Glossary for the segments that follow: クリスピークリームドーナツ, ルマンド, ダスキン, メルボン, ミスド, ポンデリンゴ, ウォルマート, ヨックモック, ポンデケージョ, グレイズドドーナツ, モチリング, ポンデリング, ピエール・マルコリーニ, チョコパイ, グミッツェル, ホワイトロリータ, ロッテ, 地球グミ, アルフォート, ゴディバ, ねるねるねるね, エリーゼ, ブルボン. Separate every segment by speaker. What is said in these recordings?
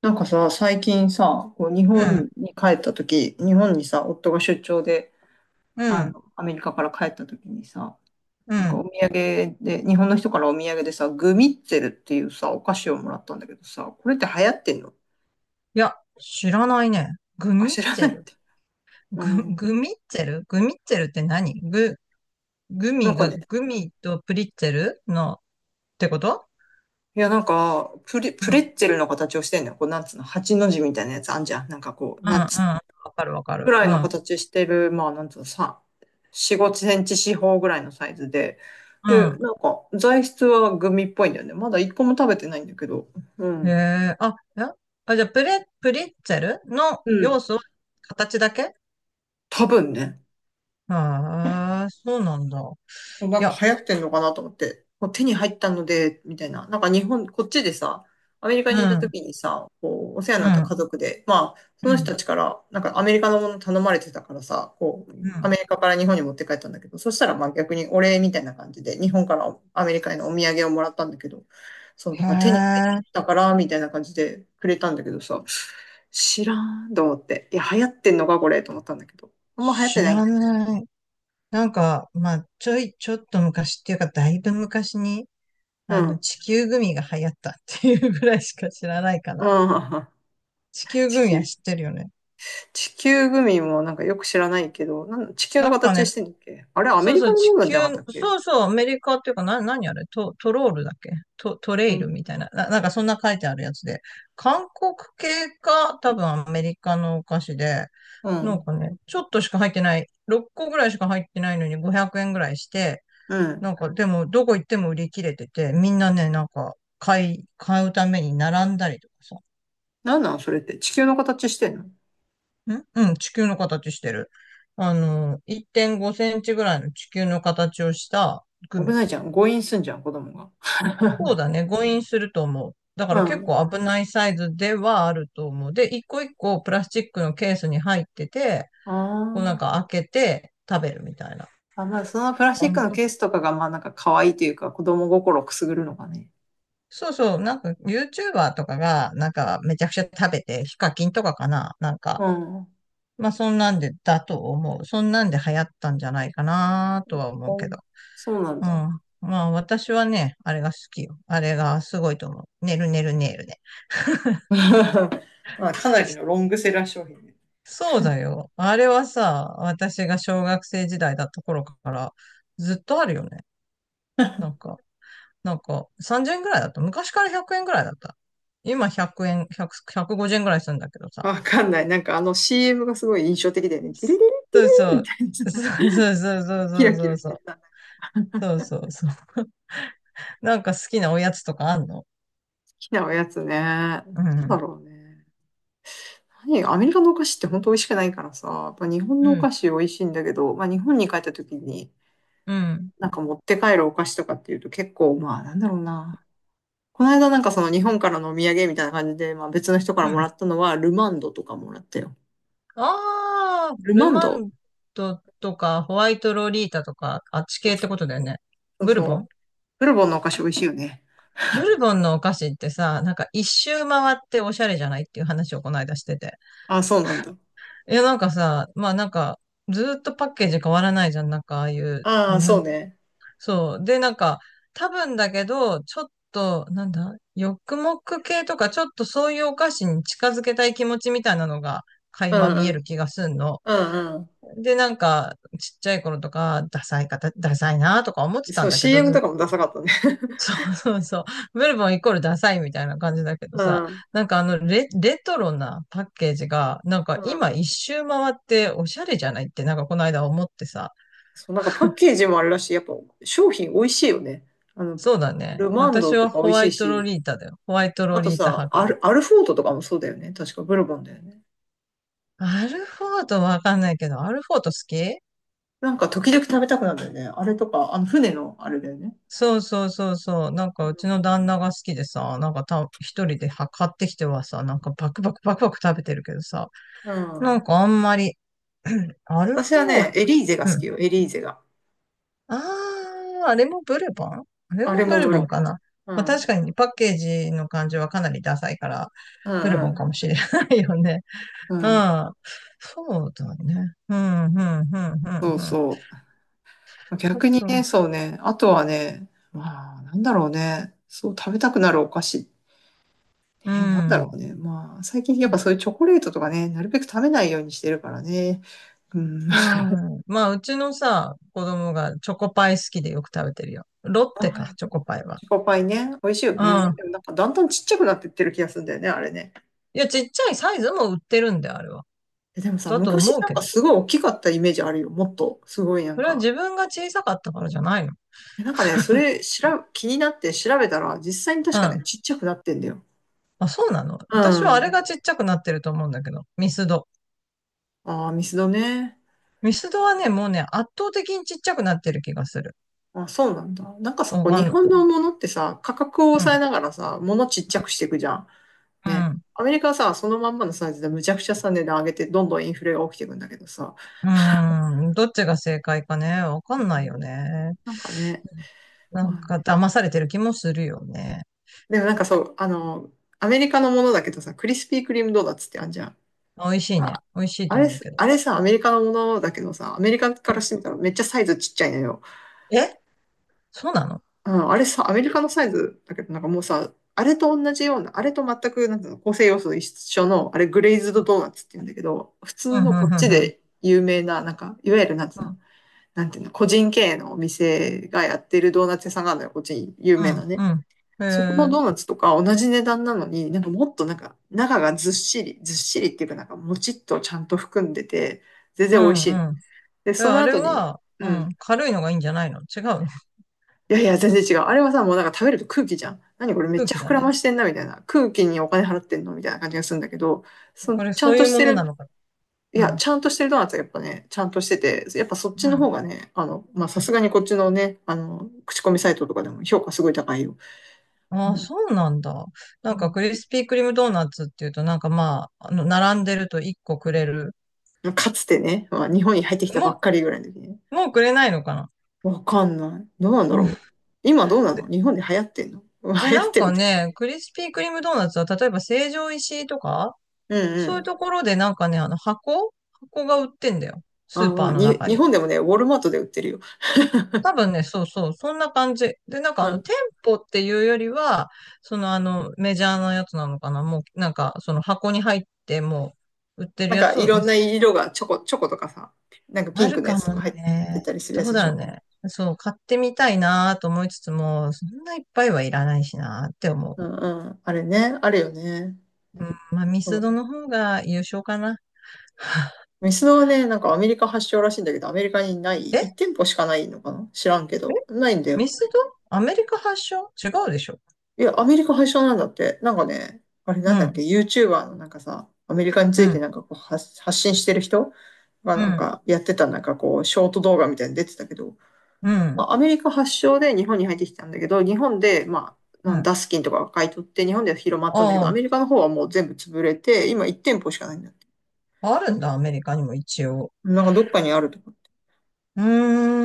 Speaker 1: なんかさ、最近さ、こう日
Speaker 2: うん、
Speaker 1: 本に帰った時、日本にさ、夫が出張で、
Speaker 2: うん、
Speaker 1: アメリカから帰った時にさ、
Speaker 2: う
Speaker 1: なんか
Speaker 2: ん。
Speaker 1: お土産で、日本の人からお土産でさ、グミッツェルっていうさ、お菓子をもらったんだけどさ、これって流行ってんの？
Speaker 2: いや、知らないね。グ
Speaker 1: あ、
Speaker 2: ミッ
Speaker 1: 知ら
Speaker 2: ツ
Speaker 1: な
Speaker 2: ェ
Speaker 1: いっ
Speaker 2: ル。
Speaker 1: て。うん。
Speaker 2: グミッツェルって何
Speaker 1: なんかね、
Speaker 2: グミとプリッツェルのってこと？
Speaker 1: いや、なんか、
Speaker 2: うん、
Speaker 1: プ
Speaker 2: う
Speaker 1: レ
Speaker 2: ん、
Speaker 1: ッツェルの形をしてんのよ。こう、なんつうの、八の字みたいなやつあんじゃん。なんかこう、
Speaker 2: うん。
Speaker 1: なんつ
Speaker 2: わかるわか
Speaker 1: ぐ
Speaker 2: る。
Speaker 1: らい
Speaker 2: う
Speaker 1: の
Speaker 2: ん、
Speaker 1: 形してる、まあ、なんつうの、さん、4、5センチ四方ぐらいのサイズで、で、
Speaker 2: う
Speaker 1: なんか、材質はグミっぽいんだよね。まだ一個も食べてないんだけど、う
Speaker 2: ん。へ
Speaker 1: ん。
Speaker 2: え、あ、じゃあ、プリッツェルの
Speaker 1: うん。
Speaker 2: 要素、形だけ？
Speaker 1: 多分ね。
Speaker 2: ああそうなんだ。
Speaker 1: な
Speaker 2: い
Speaker 1: んか
Speaker 2: や、
Speaker 1: 流行ってんのかなと思って、もう手に入ったので、みたいな。なんか日本、こっちでさ、アメリカ
Speaker 2: うん、
Speaker 1: にいた
Speaker 2: うん、
Speaker 1: 時にさ、こう、お世話になった家族で、まあ、そ
Speaker 2: う
Speaker 1: の人た
Speaker 2: ん、
Speaker 1: ちから、なんかアメリカのもの頼まれてたからさ、こう、
Speaker 2: う
Speaker 1: アメ
Speaker 2: ん。
Speaker 1: リカから日本に持って帰ったんだけど、そしたらまあ逆にお礼みたいな感じで、日本からアメリカへのお土産をもらったんだけど、そう、な
Speaker 2: へ
Speaker 1: んか手に入っ
Speaker 2: え、
Speaker 1: たから、みたいな感じでくれたんだけどさ、知らんと思って、いや、流行ってんのか、これ、と思ったんだけど、あんま流行って
Speaker 2: 知
Speaker 1: ないん
Speaker 2: ら
Speaker 1: だ。
Speaker 2: ない。なんか、まあ、ちょっと昔っていうか、だいぶ昔に、
Speaker 1: うん。
Speaker 2: 地球グミが流行ったっていうぐらいしか知らないか
Speaker 1: う
Speaker 2: な。
Speaker 1: ん。
Speaker 2: 地 球
Speaker 1: 地
Speaker 2: グミは
Speaker 1: 球。
Speaker 2: 知ってるよね。
Speaker 1: 地球グミもなんかよく知らないけど、なん地球の
Speaker 2: なんか
Speaker 1: 形
Speaker 2: ね、
Speaker 1: してんだっけ？あれ、アメ
Speaker 2: そう
Speaker 1: リ
Speaker 2: そ
Speaker 1: カ
Speaker 2: う、
Speaker 1: のも
Speaker 2: 地
Speaker 1: のなん
Speaker 2: 球、
Speaker 1: じゃなかったっけ？
Speaker 2: そうそう、アメリカっていうか、何あれ、トロールだっけ？ト
Speaker 1: う
Speaker 2: レイル
Speaker 1: ん。
Speaker 2: みたいな、なんかそんな書いてあるやつで、韓国系か、多分アメリカのお菓子で、
Speaker 1: う
Speaker 2: なん
Speaker 1: ん。
Speaker 2: かね、ちょっとしか入ってない、6個ぐらいしか入ってないのに500円ぐらいして、
Speaker 1: うん。
Speaker 2: なんか、でも、どこ行っても売り切れてて、みんなね、なんか、買うために並んだりとかさ。
Speaker 1: なんなんそれって。地球の形してんの？
Speaker 2: んうん、地球の形してる。あの、1.5センチぐらいの地球の形をしたグ
Speaker 1: 危
Speaker 2: ミ。
Speaker 1: ないじゃん。誤飲すんじゃん、子供が。
Speaker 2: そうだね、誤飲すると思う。だか
Speaker 1: う
Speaker 2: ら結
Speaker 1: ん。
Speaker 2: 構危ないサイズではあると思う。で、一個一個プラスチックのケースに入ってて、
Speaker 1: あ
Speaker 2: こうなんか
Speaker 1: ー、
Speaker 2: 開けて食べるみたいな。
Speaker 1: あ。まあ、そのプラス
Speaker 2: あ
Speaker 1: チッ
Speaker 2: ん
Speaker 1: クのケースとかが、まあなんか可愛いというか、子供心をくすぐるのがね。
Speaker 2: そうそう、なんか YouTuber とかが、なんかめちゃくちゃ食べて、ヒカキンとかかな、なんか
Speaker 1: うん。うん、
Speaker 2: まあ、そんなんで、だと思う。そんなんで流行ったんじゃないかなとは思うけど。
Speaker 1: そうなん
Speaker 2: うん。
Speaker 1: だ。
Speaker 2: まあ、私はね、あれが好きよ。あれがすごいと思う。ねるねるねるね。
Speaker 1: まあ、かなりのロングセラー商品ね。
Speaker 2: そうだよ。あれはさ、私が小学生時代だった頃からずっとあるよね。なんか、なんか30円ぐらいだった。昔から100円ぐらいだった。今100円、100、150円ぐらいするんだけどさ。
Speaker 1: わかんない。なんかあの CM がすごい印象的だよね。テレレレテレ
Speaker 2: そうそ
Speaker 1: レみ
Speaker 2: う。
Speaker 1: たい
Speaker 2: そ
Speaker 1: な、
Speaker 2: うそうそうそう
Speaker 1: キ
Speaker 2: そ
Speaker 1: ラ
Speaker 2: う
Speaker 1: キ
Speaker 2: そ
Speaker 1: ラ
Speaker 2: う
Speaker 1: し
Speaker 2: そ
Speaker 1: て
Speaker 2: う。
Speaker 1: た。
Speaker 2: そうそうそう。なんか好きなおやつとかあんの？
Speaker 1: きなおやつね。な
Speaker 2: う
Speaker 1: んだ
Speaker 2: ん。
Speaker 1: ろうね。何アメリカのお菓子って本当美味しくないからさ、やっぱ日本
Speaker 2: う
Speaker 1: のお
Speaker 2: ん、
Speaker 1: 菓子美味しいんだけど、まあ日本に帰った時に
Speaker 2: うん、
Speaker 1: なんか持って帰るお菓子とかっていうと結構まあなんだろうな。この間なんかその日本からのお土産みたいな感じで、まあ別の人から
Speaker 2: う
Speaker 1: もら
Speaker 2: ん。
Speaker 1: ったのはルマンドとかもらったよ。
Speaker 2: ああ、
Speaker 1: ル
Speaker 2: ル
Speaker 1: マン
Speaker 2: マ
Speaker 1: ド、
Speaker 2: ンドとかホワイトロリータとか、あっち系ってことだよね。
Speaker 1: そう
Speaker 2: ブルボ
Speaker 1: そ
Speaker 2: ン？
Speaker 1: う。ブルボンのお菓子美味しいよね。
Speaker 2: ブルボンのお菓子ってさ、なんか一周回っておしゃれじゃないっていう話をこの間してて。
Speaker 1: ああ、そうなんだ。
Speaker 2: いや、なんかさ、まあなんか、ずーっとパッケージ変わらないじゃん。なんかああいう、
Speaker 1: ああ、そうね。
Speaker 2: そう。で、なんか、多分だけど、ちょっと、なんだ、ヨックモック系とか、ちょっとそういうお菓子に近づけたい気持ちみたいなのが、垣
Speaker 1: う
Speaker 2: 間
Speaker 1: ん
Speaker 2: 見
Speaker 1: う
Speaker 2: える
Speaker 1: ん。
Speaker 2: 気がすんの。
Speaker 1: うんう
Speaker 2: で、なんか、ちっちゃい頃とか、ダサいなとか思って
Speaker 1: ん。
Speaker 2: た
Speaker 1: そ
Speaker 2: ん
Speaker 1: う、
Speaker 2: だけど、
Speaker 1: CM
Speaker 2: ずっ
Speaker 1: と
Speaker 2: と、
Speaker 1: かもダサかったね。
Speaker 2: そうそう、メルボンイコールダサいみたいな感じだけど
Speaker 1: う
Speaker 2: さ、
Speaker 1: ん。
Speaker 2: なんかレトロなパッケージが、なんか
Speaker 1: う
Speaker 2: 今
Speaker 1: ん、
Speaker 2: 一周回っておしゃれじゃないって、なんかこの間思ってさ、
Speaker 1: そう、なんかパッケージもあるらしい。やっぱ商品美味しいよね。あの、
Speaker 2: そうだね。
Speaker 1: ルマン
Speaker 2: 私
Speaker 1: ドと
Speaker 2: は
Speaker 1: か美
Speaker 2: ホ
Speaker 1: 味
Speaker 2: ワ
Speaker 1: しい
Speaker 2: イトロ
Speaker 1: し、
Speaker 2: リータだよ。ホワイト
Speaker 1: あ
Speaker 2: ロ
Speaker 1: と
Speaker 2: リータ
Speaker 1: さ、
Speaker 2: 派かな。
Speaker 1: アルフォートとかもそうだよね。確かブルボンだよね。
Speaker 2: アルフォートわかんないけど、アルフォート好き？
Speaker 1: なんか時々食べたくなるんだよね。あれとか、あの船のあれだよね。
Speaker 2: そうそうそうそう。なんかうちの旦那が好きでさ、なんか一人では買ってきてはさ、なんかバクバクバクバク食べてるけどさ、
Speaker 1: うん。
Speaker 2: な
Speaker 1: う
Speaker 2: ん
Speaker 1: ん、
Speaker 2: かあんまり、うんアル
Speaker 1: 私は
Speaker 2: フォー、
Speaker 1: ね、エリーゼが
Speaker 2: う
Speaker 1: 好
Speaker 2: ん。
Speaker 1: きよ。エリーゼが。
Speaker 2: あー、あれもブルボン？あれ
Speaker 1: あ
Speaker 2: も
Speaker 1: れ
Speaker 2: ブ
Speaker 1: も
Speaker 2: ル
Speaker 1: ブ
Speaker 2: ボン
Speaker 1: ル
Speaker 2: かな。
Speaker 1: ボ
Speaker 2: まあ確
Speaker 1: ン。
Speaker 2: かにパッケージの感じはかなりダサいから、
Speaker 1: う
Speaker 2: ブル
Speaker 1: ん。
Speaker 2: ボン
Speaker 1: うん
Speaker 2: かもしれないよね。
Speaker 1: う
Speaker 2: う
Speaker 1: ん。うん。
Speaker 2: ん。そうだね。うん、うん、うん、うん、
Speaker 1: そう
Speaker 2: うん。あ
Speaker 1: そう。逆に
Speaker 2: と、
Speaker 1: ね、そうね。あとはね、まあ、なんだろうね。そう、食べたくなるお菓子。
Speaker 2: う
Speaker 1: なんだろう
Speaker 2: ん。
Speaker 1: ね。まあ、最近やっぱそういうチョコレートとかね、なるべく食べないようにしてるからね。うん。
Speaker 2: う
Speaker 1: あ
Speaker 2: ん。まあ、うちのさ、子供がチョコパイ好きでよく食べてるよ。ロッテか、
Speaker 1: ー、
Speaker 2: チョコパイは。
Speaker 1: チョコパイね、美味しいよ
Speaker 2: う
Speaker 1: ね。
Speaker 2: ん。
Speaker 1: でもなんかだんだんちっちゃくなってってる気がするんだよね、あれね。
Speaker 2: いや、ちっちゃいサイズも売ってるんで、あれは。
Speaker 1: え、でもさ、
Speaker 2: だと
Speaker 1: 昔
Speaker 2: 思う
Speaker 1: なん
Speaker 2: け
Speaker 1: か
Speaker 2: ど。
Speaker 1: すごい大きかったイメージあるよ。もっと、すごいなん
Speaker 2: それは
Speaker 1: か。
Speaker 2: 自分が小さかったからじゃないの？
Speaker 1: え、なんかね、それしら、気になって調べたら、実際に
Speaker 2: う
Speaker 1: 確かね、
Speaker 2: ん。
Speaker 1: ちっちゃくなってんだよ。
Speaker 2: あ、そうなの？
Speaker 1: う
Speaker 2: 私はあれ
Speaker 1: ん。
Speaker 2: がちっちゃくなってると思うんだけど。ミスド。
Speaker 1: ああ、ミスドね。
Speaker 2: ミスドはね、もうね、圧倒的にちっちゃくなってる気がする。
Speaker 1: あ、そうなんだ。なんかさ、
Speaker 2: わ
Speaker 1: こう
Speaker 2: か
Speaker 1: 日
Speaker 2: んな
Speaker 1: 本
Speaker 2: い。
Speaker 1: のものってさ、価格を
Speaker 2: う
Speaker 1: 抑え
Speaker 2: ん。
Speaker 1: ながらさ、ものちっちゃくしていくじゃん。
Speaker 2: う
Speaker 1: ね。
Speaker 2: ん。
Speaker 1: アメリカはさ、そのまんまのサイズでむちゃくちゃさ、値段上げて、どんどんインフレが起きていくんだけどさ、
Speaker 2: うん。どっちが正解かね。わかん
Speaker 1: う
Speaker 2: ないよ
Speaker 1: ん、
Speaker 2: ね。
Speaker 1: なんかね、
Speaker 2: なん
Speaker 1: まあ
Speaker 2: か
Speaker 1: ね。
Speaker 2: 騙されてる気もするよね。
Speaker 1: でもなんかそう、アメリカのものだけどさ、クリスピークリームドーナツってあんじゃん。
Speaker 2: 美味しいね。
Speaker 1: あ、
Speaker 2: 美味しい
Speaker 1: あ
Speaker 2: と
Speaker 1: れ
Speaker 2: 思う
Speaker 1: す、
Speaker 2: けど。
Speaker 1: あれさ、アメリカのものだけどさ、アメリカか
Speaker 2: う
Speaker 1: らし
Speaker 2: ん。
Speaker 1: てみたらめっちゃサイズちっちゃいのよ。
Speaker 2: えそうなの？
Speaker 1: うん、あれさ、アメリカのサイズだけど、なんかもうさ、あれと同じような、あれと全く、なんていうの、構成要素一緒の、あれグレイズ
Speaker 2: う
Speaker 1: ド
Speaker 2: ん、
Speaker 1: ドーナツって言うんだけど、普
Speaker 2: う
Speaker 1: 通
Speaker 2: ん、うん、
Speaker 1: のこっち
Speaker 2: うん、
Speaker 1: で有名な、なんか、いわゆるなんていうの、なんていうの、個人経営のお店がやってるドーナツ屋さんがあるのよ、こっちに有
Speaker 2: う
Speaker 1: 名な
Speaker 2: ん、う
Speaker 1: ね。
Speaker 2: ん。うんへ
Speaker 1: そこの
Speaker 2: え、
Speaker 1: ドーナツとか同じ値段なのに、なんかもっとなんか中がずっしり、ずっしりっていうかなんかもちっとちゃんと含んでて、全
Speaker 2: う
Speaker 1: 然美味しい。
Speaker 2: ん、うん。
Speaker 1: で、
Speaker 2: え、
Speaker 1: その
Speaker 2: あれ
Speaker 1: 後に、
Speaker 2: は、う
Speaker 1: う
Speaker 2: ん、
Speaker 1: ん。
Speaker 2: 軽いのがいいんじゃないの？違うの？
Speaker 1: いやいや、全然違う。あれはさ、もうなんか食べると空気じゃん。何これ めっ
Speaker 2: 空
Speaker 1: ちゃ
Speaker 2: 気だ
Speaker 1: 膨ら
Speaker 2: ね。
Speaker 1: ましてんな、みたいな。空気にお金払ってんのみたいな感じがするんだけど、その
Speaker 2: これ、
Speaker 1: ちゃ
Speaker 2: そ
Speaker 1: ん
Speaker 2: うい
Speaker 1: と
Speaker 2: う
Speaker 1: し
Speaker 2: も
Speaker 1: て
Speaker 2: のな
Speaker 1: る
Speaker 2: のか
Speaker 1: い
Speaker 2: な？う
Speaker 1: や、
Speaker 2: ん、
Speaker 1: ちゃんとしてるドーナツはやっぱね、ちゃんとしてて、やっぱそっ
Speaker 2: う
Speaker 1: ちの方
Speaker 2: ん。
Speaker 1: がね、まあ、さ
Speaker 2: う
Speaker 1: す
Speaker 2: ん。
Speaker 1: がにこっちのね、口コミサイトとかでも評価すごい高いよ。う
Speaker 2: ああ、
Speaker 1: ん
Speaker 2: そうなんだ。な
Speaker 1: う
Speaker 2: んか、
Speaker 1: ん、
Speaker 2: クリスピークリームドーナツっていうと、なんかまあ、あの、並んでると1個くれる。
Speaker 1: かつてね、まあ、日本に入ってきたばっ
Speaker 2: も
Speaker 1: かりぐらいの時ね。
Speaker 2: もうくれないのかな？
Speaker 1: わかんない。どうなんだ
Speaker 2: うん。
Speaker 1: ろう。今どうなの？
Speaker 2: で、
Speaker 1: 日本で流行ってんの？うん。
Speaker 2: え、
Speaker 1: 流
Speaker 2: な
Speaker 1: 行っ
Speaker 2: ん
Speaker 1: てる
Speaker 2: か
Speaker 1: って。
Speaker 2: ね、クリスピークリームドーナツは、例えば成城石井とか、
Speaker 1: うんう
Speaker 2: そういう
Speaker 1: ん。
Speaker 2: ところでなんかね、あの箱が売ってんだよ。ス
Speaker 1: あ
Speaker 2: ー
Speaker 1: ー、
Speaker 2: パ
Speaker 1: ま
Speaker 2: ー
Speaker 1: あ、
Speaker 2: の中
Speaker 1: 日
Speaker 2: に。
Speaker 1: 本でもね、ウォルマートで売ってるよ。
Speaker 2: 多 分ね、そうそう、そんな感じ。で、なんかあ
Speaker 1: う
Speaker 2: の、
Speaker 1: ん。
Speaker 2: 店舗っていうよりは、そのあの、メジャーなやつなのかな。もう、なんか、その箱に入って、もう、売ってる
Speaker 1: なん
Speaker 2: や
Speaker 1: か
Speaker 2: つ
Speaker 1: い
Speaker 2: を、まあ、
Speaker 1: ろんな色が、チョコとかさ、なんかピ
Speaker 2: あ
Speaker 1: ン
Speaker 2: る
Speaker 1: クのや
Speaker 2: か
Speaker 1: つと
Speaker 2: も
Speaker 1: か入って
Speaker 2: ね。
Speaker 1: たりする
Speaker 2: ど
Speaker 1: やつ
Speaker 2: う
Speaker 1: で
Speaker 2: だ
Speaker 1: し
Speaker 2: ろう
Speaker 1: ょ。
Speaker 2: ね。そう、買ってみたいなと思いつつも、そんないっぱいはいらないしなって思
Speaker 1: うんうん。あれね、あるよね。
Speaker 2: う。うん、まあ、ミ
Speaker 1: そ
Speaker 2: スド
Speaker 1: う、
Speaker 2: の方が優勝かな。
Speaker 1: ミスドはね、なんかアメリカ発祥らしいんだけど、アメリカにない、
Speaker 2: え
Speaker 1: 1店舗しかないのかな知らんけど。ないんだよ。
Speaker 2: ミスド？アメリカ発祥違うでしょ？
Speaker 1: いや、アメリカ発祥なんだって。なんかね、あれ
Speaker 2: う
Speaker 1: なんだっ
Speaker 2: ん、
Speaker 1: け、YouTuber のなんかさ、アメリカにつ
Speaker 2: う
Speaker 1: いて
Speaker 2: ん、
Speaker 1: なんかこう発信してる人が
Speaker 2: う
Speaker 1: なん
Speaker 2: ん。
Speaker 1: かやってたなんかこう、ショート動画みたいに出てたけど、
Speaker 2: う
Speaker 1: ま
Speaker 2: ん。
Speaker 1: あ、アメリカ発祥で日本に入ってきたんだけど、日本で、まあ、
Speaker 2: う
Speaker 1: なんダ
Speaker 2: ん。
Speaker 1: スキンとかが買い取って日本では広まったんだけど、ア
Speaker 2: あ
Speaker 1: メリカの方はもう全部潰れて、今1店舗しかないんだって。
Speaker 2: あ、あるんだ、アメリカにも一応。
Speaker 1: なんかどっかにあるとか。
Speaker 2: う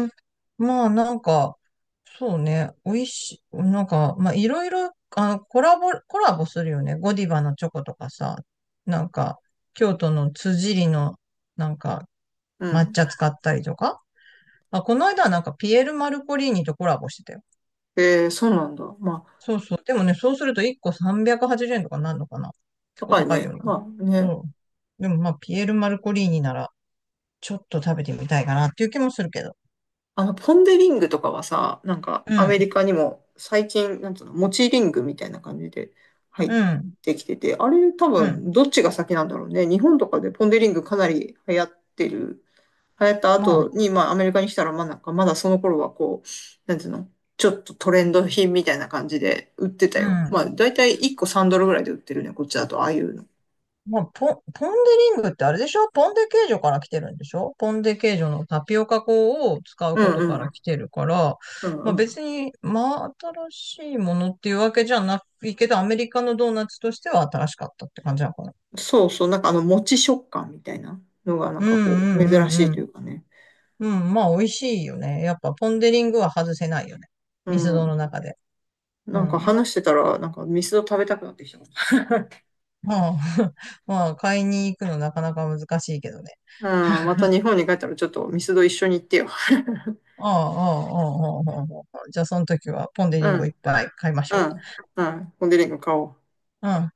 Speaker 2: ーん。まあ、なんか、そうね、美味しい、なんか、まあ、いろいろ、あの、コラボするよね。ゴディバのチョコとかさ、なんか、京都の辻りの、なんか、
Speaker 1: う
Speaker 2: 抹
Speaker 1: ん。
Speaker 2: 茶使ったりとか。あ、この間はなんか、ピエール・マルコリーニとコラボしてたよ。
Speaker 1: えー、そうなんだ。まあ
Speaker 2: そうそう。でもね、そうすると1個380円とかなんのかな。結構
Speaker 1: 高い
Speaker 2: 高いよ
Speaker 1: ね。
Speaker 2: な。
Speaker 1: まあ
Speaker 2: う
Speaker 1: ね。
Speaker 2: ん。でもまあ、ピエール・マルコリーニなら、ちょっと食べてみたいかなっていう気もするけど。
Speaker 1: ポンデリングとかはさ、なんか
Speaker 2: う
Speaker 1: アメ
Speaker 2: ん、
Speaker 1: リカにも最近、なんつうの、モチリングみたいな感じで入っ
Speaker 2: うん、
Speaker 1: てきてて、あれ多
Speaker 2: うん。
Speaker 1: 分どっちが先なんだろうね。日本とかでポンデリングかなり流行ってる。流行った
Speaker 2: ま
Speaker 1: 後
Speaker 2: あ、
Speaker 1: に、まあアメリカに来たら、まあなんかまだその頃はこう、なんつうの、ちょっとトレンド品みたいな感じで売ってた
Speaker 2: う
Speaker 1: よ。ま
Speaker 2: ん。
Speaker 1: あだいたい1個3ドルぐらいで売ってるね、こっちだと、ああいうの。
Speaker 2: まあ、ポンデリングってあれでしょ？ポンデケージョから来てるんでしょ？ポンデケージョのタピオカ粉を使う
Speaker 1: う
Speaker 2: こと
Speaker 1: ん
Speaker 2: か
Speaker 1: う
Speaker 2: ら
Speaker 1: ん。
Speaker 2: 来てるから、
Speaker 1: うん
Speaker 2: まあ
Speaker 1: うん、
Speaker 2: 別に、まあ新しいものっていうわけじゃないけど、アメリカのドーナツとしては新しかったって感じなのかな。
Speaker 1: そうそう、餅食感みたいなのが、な
Speaker 2: う
Speaker 1: ん
Speaker 2: ん
Speaker 1: かこう、珍し
Speaker 2: う
Speaker 1: い
Speaker 2: んうんう
Speaker 1: と
Speaker 2: ん。
Speaker 1: いうかね。
Speaker 2: うん、まあ美味しいよね。やっぱポンデリングは外せないよね。
Speaker 1: う
Speaker 2: ミスドの
Speaker 1: ん。
Speaker 2: 中で。う
Speaker 1: なんか
Speaker 2: ん。
Speaker 1: 話してたら、なんかミスド食べたくなってきた。う
Speaker 2: まあ、まあ、買いに行くのなかなか難しいけどね。
Speaker 1: ん、また 日本に帰ったらちょっとミスド一緒に行ってよ。
Speaker 2: ああ、ああ、ああ、ああ、ああ。じゃあ、その時はポンデ
Speaker 1: う
Speaker 2: リンゴ
Speaker 1: ん、
Speaker 2: いっぱい買いまし
Speaker 1: う
Speaker 2: ょ
Speaker 1: ん、うん。コンデリング買おう。
Speaker 2: う。うん。